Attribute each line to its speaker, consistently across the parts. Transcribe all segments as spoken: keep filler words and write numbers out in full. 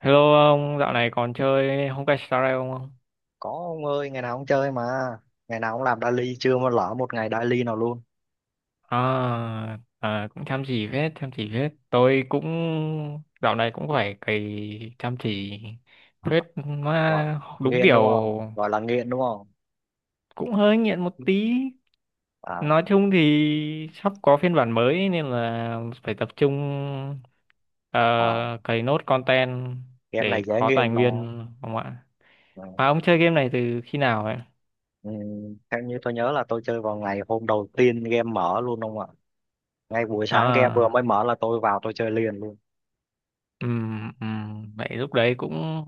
Speaker 1: Hello ông, dạo này còn chơi Honkai Star Rail không?
Speaker 2: Có ông ơi, ngày nào ông chơi mà, ngày nào ông làm daily chưa mà lỡ một ngày daily nào luôn.
Speaker 1: À, à, cũng chăm chỉ phết, chăm chỉ phết. Tôi cũng dạo này cũng phải cày chăm chỉ
Speaker 2: À,
Speaker 1: phết,
Speaker 2: gọi
Speaker 1: mà đúng
Speaker 2: nghiện
Speaker 1: kiểu
Speaker 2: đúng không gọi là nghiện đúng không?
Speaker 1: cũng hơi nghiện một tí.
Speaker 2: à,
Speaker 1: Nói chung thì sắp có phiên bản mới nên là phải tập trung ờ,
Speaker 2: à
Speaker 1: cày nốt content
Speaker 2: game này
Speaker 1: để
Speaker 2: dễ
Speaker 1: có tài
Speaker 2: nghiện mà.
Speaker 1: nguyên, không ạ?
Speaker 2: Ừ.
Speaker 1: Mà ông chơi game này từ khi nào vậy?
Speaker 2: Ừ, theo như tôi nhớ là tôi chơi vào ngày hôm đầu tiên game mở luôn đúng không ạ? Ngay buổi sáng game vừa
Speaker 1: À,
Speaker 2: mới mở là tôi vào tôi chơi liền luôn.
Speaker 1: ừm, ừm, vậy lúc đấy cũng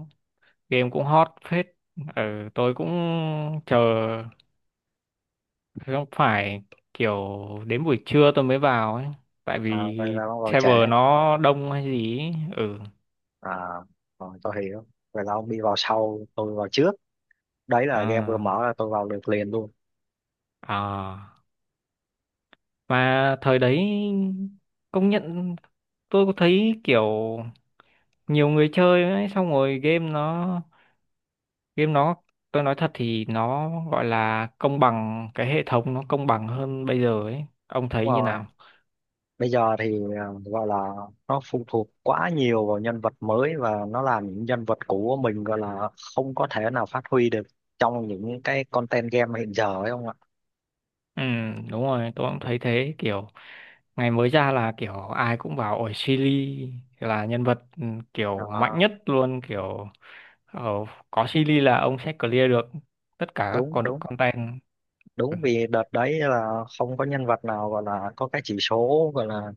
Speaker 1: game cũng hot phết, ừ, tôi cũng chờ, không phải kiểu đến buổi trưa tôi mới vào ấy, tại
Speaker 2: À, vậy
Speaker 1: vì
Speaker 2: là ông vào trễ.
Speaker 1: server nó đông hay gì ấy. Ừ,
Speaker 2: À, rồi tôi hiểu. Vậy là ông đi vào sau, tôi vào trước. Đấy là game vừa
Speaker 1: à,
Speaker 2: mở là tôi vào được liền luôn.
Speaker 1: à. Mà thời đấy công nhận tôi có thấy kiểu nhiều người chơi ấy, xong rồi game nó game nó tôi nói thật thì nó gọi là công bằng, cái hệ thống nó công bằng hơn bây giờ ấy, ông thấy
Speaker 2: Đúng
Speaker 1: như nào?
Speaker 2: không? Bây giờ thì ờ, gọi là nó phụ thuộc quá nhiều vào nhân vật mới, và nó làm những nhân vật cũ của mình gọi là không có thể nào phát huy được trong những cái content game hiện giờ ấy không ạ?
Speaker 1: Ừ, đúng rồi, tôi cũng thấy thế. Kiểu ngày mới ra là kiểu ai cũng bảo ổi Silly là nhân vật, ừ, kiểu
Speaker 2: Ờ,
Speaker 1: mạnh nhất luôn kiểu. Ờ, có Silly là ông sẽ clear được tất cả các
Speaker 2: đúng
Speaker 1: con
Speaker 2: đúng
Speaker 1: content. Ừ.
Speaker 2: đúng. Vì đợt đấy là không có nhân vật nào gọi là có cái chỉ số gọi là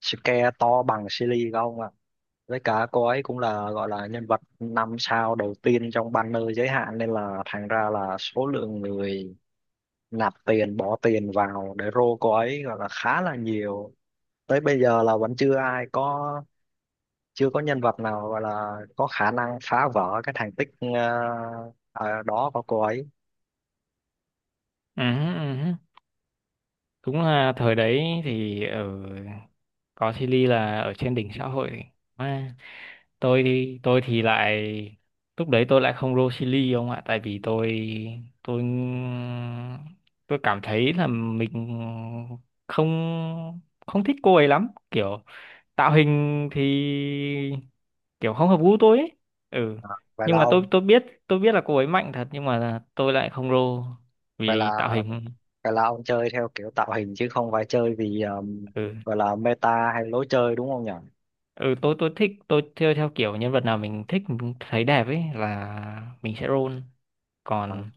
Speaker 2: scale to bằng Silly không ạ. Với cả cô ấy cũng là gọi là nhân vật năm sao đầu tiên trong banner giới hạn nên là thành ra là số lượng người nạp tiền bỏ tiền vào để rô cô ấy gọi là khá là nhiều. Tới bây giờ là vẫn chưa ai có, chưa có nhân vật nào gọi là có khả năng phá vỡ cái thành tích ờ, ờ, đó của cô ấy.
Speaker 1: Ừ, ừ. Đúng là thời đấy thì ở, có Silly là ở trên đỉnh xã hội. Tôi thì tôi thì lại lúc đấy tôi lại không roll chili ông ạ, tại vì tôi tôi tôi cảm thấy là mình không, không thích cô ấy lắm, kiểu tạo hình thì kiểu không hợp gu tôi ấy. Ừ,
Speaker 2: Ờ, vậy
Speaker 1: nhưng
Speaker 2: là
Speaker 1: mà
Speaker 2: ông
Speaker 1: tôi tôi biết, tôi biết là cô ấy mạnh thật nhưng mà tôi lại không roll
Speaker 2: vậy là
Speaker 1: vì tạo hình.
Speaker 2: vậy là ông chơi theo kiểu tạo hình chứ không phải chơi vì ờ,
Speaker 1: Ừ,
Speaker 2: gọi là meta hay lối chơi đúng không nhỉ?
Speaker 1: ừ, tôi tôi thích, tôi theo, theo kiểu nhân vật nào mình thích mình thấy đẹp ấy là mình sẽ roll.
Speaker 2: À.
Speaker 1: Còn,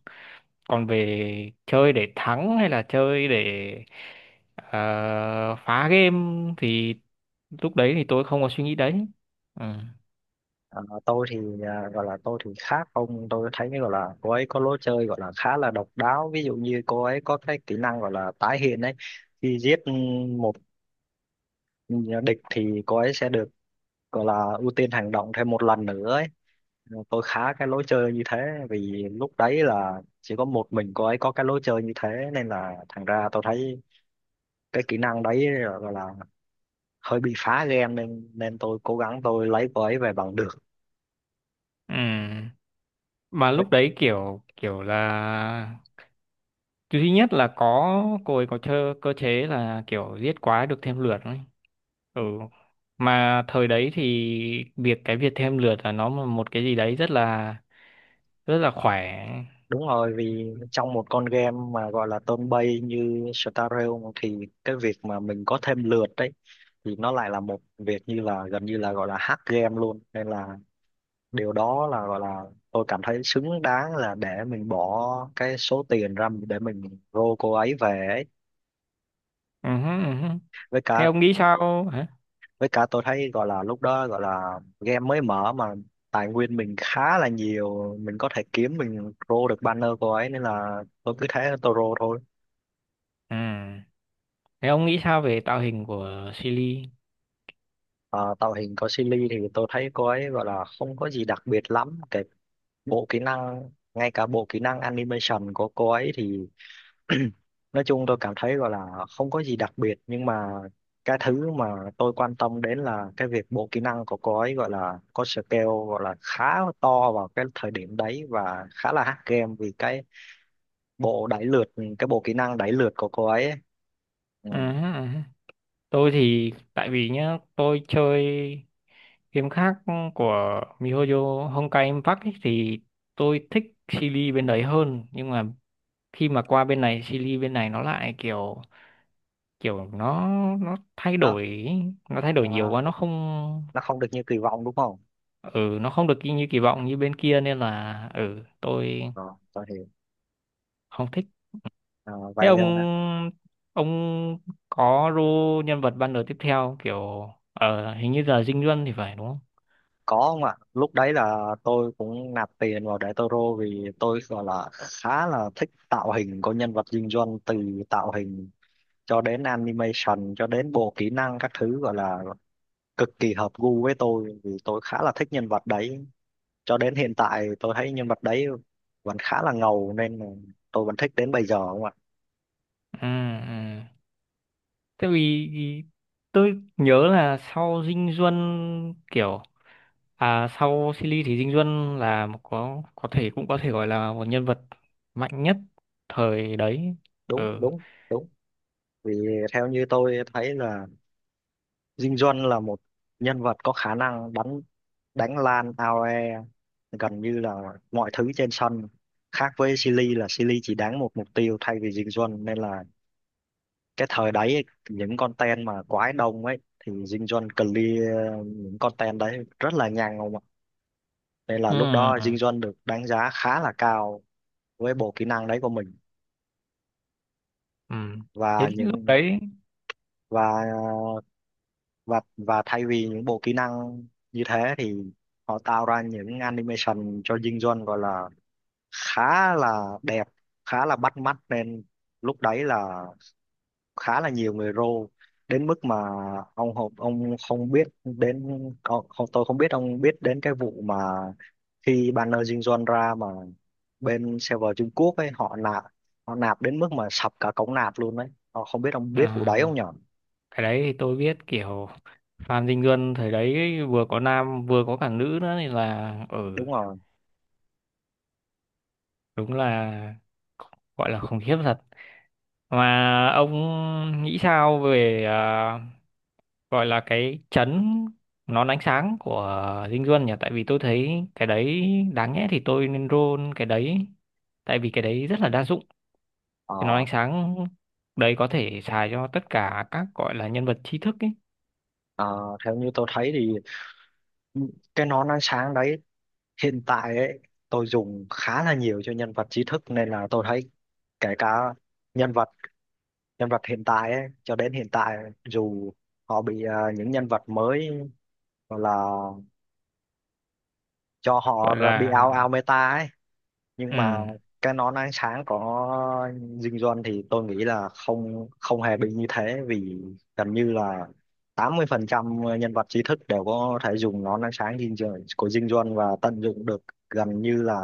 Speaker 1: còn về chơi để thắng hay là chơi để ờ, phá game thì lúc đấy thì tôi không có suy nghĩ đấy. Ừ.
Speaker 2: Ờ, tôi thì à, gọi là tôi thì khác ông, tôi thấy gọi là cô ấy có lối chơi gọi là khá là độc đáo. Ví dụ như cô ấy có cái kỹ năng gọi là tái hiện ấy, khi giết một địch thì cô ấy sẽ được gọi là ưu tiên hành động thêm một lần nữa ấy. Ờ, tôi khá cái lối chơi như thế, vì lúc đấy là chỉ có một mình cô ấy có cái lối chơi như thế nên là thành ra tôi thấy cái kỹ năng đấy là- gọi là hơi bị phá game nên nên tôi cố gắng tôi lấy cô ấy về bằng được.
Speaker 1: Ừ. Mà lúc đấy kiểu kiểu là thứ nhất là có cô ấy có chơi cơ chế là kiểu giết quái được thêm lượt ấy. Ừ, mà thời đấy thì việc cái việc thêm lượt là nó một cái gì đấy rất là, rất là khỏe.
Speaker 2: Đúng rồi, vì trong một con game mà gọi là turn based như Star Realm thì cái việc mà mình có thêm lượt đấy thì nó lại là một việc như là gần như là gọi là hack game luôn. Nên là điều đó là gọi là tôi cảm thấy xứng đáng là để mình bỏ cái số tiền ra để mình rô cô ấy về ấy.
Speaker 1: Ừ hứ, ừ hứ.
Speaker 2: Với
Speaker 1: Thế
Speaker 2: cả
Speaker 1: ông nghĩ sao hả?
Speaker 2: với cả tôi thấy gọi là lúc đó gọi là game mới mở mà tài nguyên mình khá là nhiều, mình có thể kiếm mình rô được banner cô ấy nên là tôi cứ thế tôi rô thôi.
Speaker 1: Ừ. Thế ông nghĩ sao về tạo hình của Silly?
Speaker 2: Ờ, tạo hình có Silly thì tôi thấy cô ấy gọi là không có gì đặc biệt lắm. Cái bộ kỹ năng, ngay cả bộ kỹ năng animation của cô ấy thì nói chung tôi cảm thấy gọi là không có gì đặc biệt, nhưng mà cái thứ mà tôi quan tâm đến là cái việc bộ kỹ năng của cô ấy gọi là có scale gọi là khá to vào cái thời điểm đấy và khá là hack game vì cái bộ đẩy lượt, cái bộ kỹ năng đẩy lượt của cô ấy, ấy. Ừ.
Speaker 1: Ừ, ừ. Tôi thì tại vì nhá, tôi chơi game khác của miHoYo Honkai Impact ấy, thì tôi thích Silly bên đấy hơn, nhưng mà khi mà qua bên này Silly bên này nó lại kiểu, kiểu nó nó thay
Speaker 2: Đó,
Speaker 1: đổi ý. Nó thay đổi nhiều
Speaker 2: à,
Speaker 1: quá, nó không,
Speaker 2: nó không được như kỳ vọng đúng không?
Speaker 1: ừ nó không được như kỳ vọng như bên kia, nên là ừ tôi
Speaker 2: Rồi, tôi hiểu.
Speaker 1: không thích.
Speaker 2: À,
Speaker 1: Thế
Speaker 2: vậy
Speaker 1: ông ông có role nhân vật ban đời tiếp theo kiểu ở hình như là Dinh Duân thì phải, đúng không?
Speaker 2: Có không ạ? Lúc đấy là tôi cũng nạp tiền vào để Toro vì tôi gọi là khá là thích tạo hình của nhân vật Dinh Duân, từ tạo hình cho đến animation cho đến bộ kỹ năng các thứ gọi là cực kỳ hợp gu với tôi vì tôi khá là thích nhân vật đấy. Cho đến hiện tại tôi thấy nhân vật đấy vẫn khá là ngầu nên là tôi vẫn thích đến bây giờ không ạ?
Speaker 1: Ừ, ừ. Tại vì vì tôi nhớ là sau Dinh Duân kiểu, à sau Silly thì Dinh Duân là một, có có thể, cũng có thể gọi là một nhân vật mạnh nhất thời đấy.
Speaker 2: Đúng,
Speaker 1: Ừ.
Speaker 2: đúng, đúng. Vì theo như tôi thấy là Dinh Duân là một nhân vật có khả năng đánh đánh lan AoE gần như là mọi thứ trên sân. Khác với Silly là Silly chỉ đánh một mục tiêu thay vì Dinh Duân nên là cái thời đấy ấy, những con ten mà quái đông ấy thì Dinh Duân clear những con ten đấy rất là nhanh không ạ? Nên là
Speaker 1: Ừ.
Speaker 2: lúc đó
Speaker 1: Ừ.
Speaker 2: Dinh Duân được đánh giá khá là cao với bộ kỹ năng đấy của mình
Speaker 1: Ừ. Thế
Speaker 2: và
Speaker 1: lúc
Speaker 2: những
Speaker 1: đấy,
Speaker 2: và và và thay vì những bộ kỹ năng như thế thì họ tạo ra những animation cho dinh Duân gọi là khá là đẹp, khá là bắt mắt nên lúc đấy là khá là nhiều người rô, đến mức mà ông Hộp ông không biết đến ông, không- tôi không biết ông biết đến cái vụ mà khi banner dinh Duân ra mà bên server Trung Quốc ấy họ nạp họ nạp đến mức mà sập cả cổng nạp luôn đấy. Ờ, Không biết ông
Speaker 1: ừ,
Speaker 2: biết vụ đấy không nhở?
Speaker 1: cái đấy thì tôi biết kiểu Phan Dinh Luân thời đấy ấy, vừa có nam vừa có cả nữ nữa thì là, ừ
Speaker 2: Đúng rồi.
Speaker 1: đúng là, gọi là khủng khiếp thật. Mà ông nghĩ sao về à, gọi là cái chấn, nón ánh sáng của Dinh Luân nhỉ? Tại vì tôi thấy cái đấy, đáng nhẽ thì tôi nên roll cái đấy, tại vì cái đấy rất là đa dụng. Cái nón
Speaker 2: Ờ,
Speaker 1: ánh sáng đấy có thể xài cho tất cả các gọi là nhân vật trí thức ấy,
Speaker 2: Ờ, Theo như tôi thấy thì cái nón ánh sáng đấy hiện tại ấy tôi dùng khá là nhiều cho nhân vật trí thức nên là tôi thấy kể cả nhân vật nhân vật hiện tại ấy, cho đến hiện tại dù họ bị à, những nhân vật mới gọi là cho họ
Speaker 1: gọi
Speaker 2: bị ao
Speaker 1: là.
Speaker 2: ao meta ấy, nhưng
Speaker 1: Ừ,
Speaker 2: mà cái nón ánh sáng có dinh Duân thì tôi nghĩ là không không hề bị như thế, vì gần như là tám mươi phần trăm nhân vật trí thức đều có thể dùng nón ánh sáng dinh Duân- của dinh Duân và tận dụng được gần như là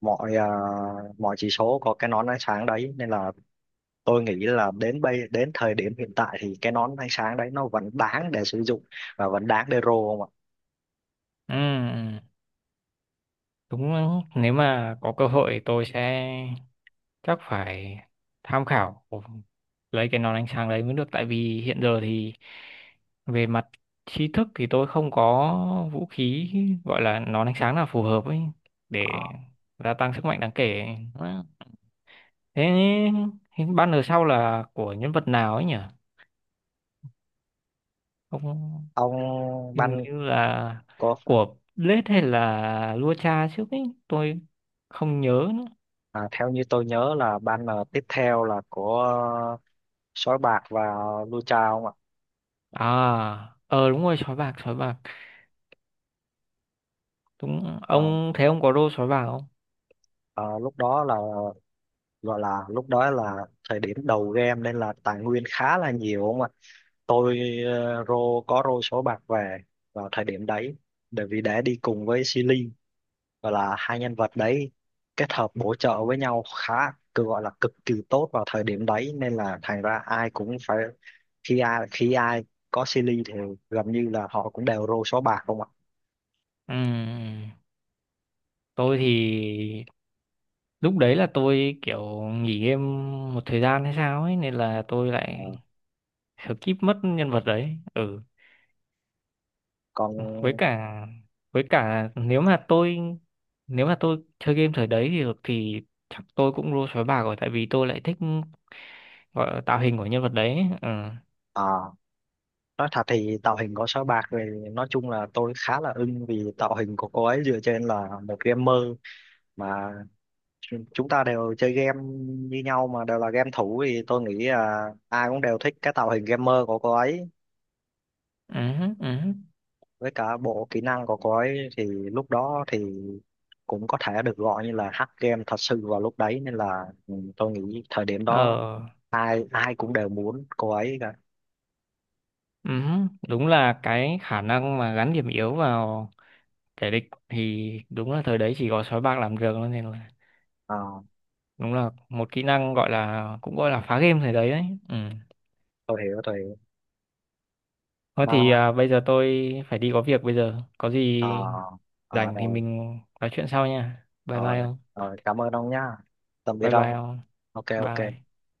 Speaker 2: mọi à, mọi chỉ số có cái nón ánh sáng đấy nên là tôi nghĩ là đến bây đến thời điểm hiện tại thì cái nón ánh sáng đấy nó vẫn đáng để sử dụng và vẫn đáng để roll không ạ?
Speaker 1: ừ. Đúng, nếu mà có cơ hội tôi sẽ, chắc phải tham khảo lấy cái nón ánh sáng đấy mới được, tại vì hiện giờ thì về mặt tri thức thì tôi không có vũ khí gọi là nón ánh sáng nào phù hợp ấy
Speaker 2: Ờ.
Speaker 1: để gia tăng sức mạnh đáng kể. Thế hình banner sau là của nhân vật nào ấy nhỉ? Không,
Speaker 2: Ông
Speaker 1: hình
Speaker 2: Ban
Speaker 1: như là
Speaker 2: có
Speaker 1: của Blade hay là Lua Cha trước ấy, tôi không nhớ nữa.
Speaker 2: À, theo như tôi nhớ là banner tiếp theo là của ờ, Sói Bạc và Lui Chao không ạ?
Speaker 1: À ờ đúng rồi, sói bạc, sói bạc, đúng.
Speaker 2: Ờ,
Speaker 1: Ông thấy ông có đô sói bạc không?
Speaker 2: ờ, lúc đó là gọi là lúc đó là thời điểm đầu game nên là tài nguyên khá là nhiều không ạ. Tôi ờ, rô có rô số bạc về vào thời điểm đấy bởi vì đã đi cùng với Silly và là hai nhân vật đấy kết hợp bổ trợ với nhau khá, cứ gọi là cực kỳ tốt vào thời điểm đấy nên là thành ra ai cũng phải khi ai khi ai có Silly thì gần như là họ cũng đều rô số bạc không ạ.
Speaker 1: Ừ, tôi thì lúc đấy là tôi kiểu nghỉ game một thời gian hay sao ấy, nên là tôi
Speaker 2: Ờ,
Speaker 1: lại skip mất nhân vật đấy. Ừ,
Speaker 2: Còn
Speaker 1: với cả, với cả nếu mà tôi, nếu mà tôi chơi game thời đấy thì được thì chắc tôi cũng đô sói bạc rồi, tại vì tôi lại thích gọi là tạo hình của nhân vật đấy. Ừ,
Speaker 2: à, nói thật thì tạo hình của sao bạc thì nói chung là tôi khá là ưng vì tạo hình của cô ấy dựa trên là một gamer mà chu- chúng ta đều chơi game như nhau mà đều là game thủ thì tôi nghĩ là ai cũng đều thích cái tạo hình gamer của cô ấy.
Speaker 1: ừ, ừ,
Speaker 2: Với cả bộ kỹ năng của cô ấy thì lúc đó thì cũng có thể được gọi như là hack game thật sự vào lúc đấy nên là ừ, tôi nghĩ thời điểm đó
Speaker 1: ờ.
Speaker 2: ai ai cũng đều muốn cô ấy cả.
Speaker 1: Ừ, đúng là cái khả năng mà gắn điểm yếu vào kẻ địch thì đúng là thời đấy chỉ có sói bạc làm được thôi, nên là
Speaker 2: Ờ,
Speaker 1: đúng là một kỹ năng gọi là, cũng gọi là phá game thời đấy đấy. Ừ.
Speaker 2: tôi hiểu tôi hiểu.
Speaker 1: Thôi
Speaker 2: Mà
Speaker 1: thì à, bây giờ tôi phải đi có việc bây giờ. Có
Speaker 2: ờ,
Speaker 1: gì
Speaker 2: ờ,
Speaker 1: rảnh thì mình nói chuyện sau nha. Bye
Speaker 2: rồi
Speaker 1: bye không?
Speaker 2: rồi, cảm ơn ông nhá, tạm biệt
Speaker 1: Bye bye
Speaker 2: ông.
Speaker 1: không?
Speaker 2: Ok
Speaker 1: Bye.
Speaker 2: ok.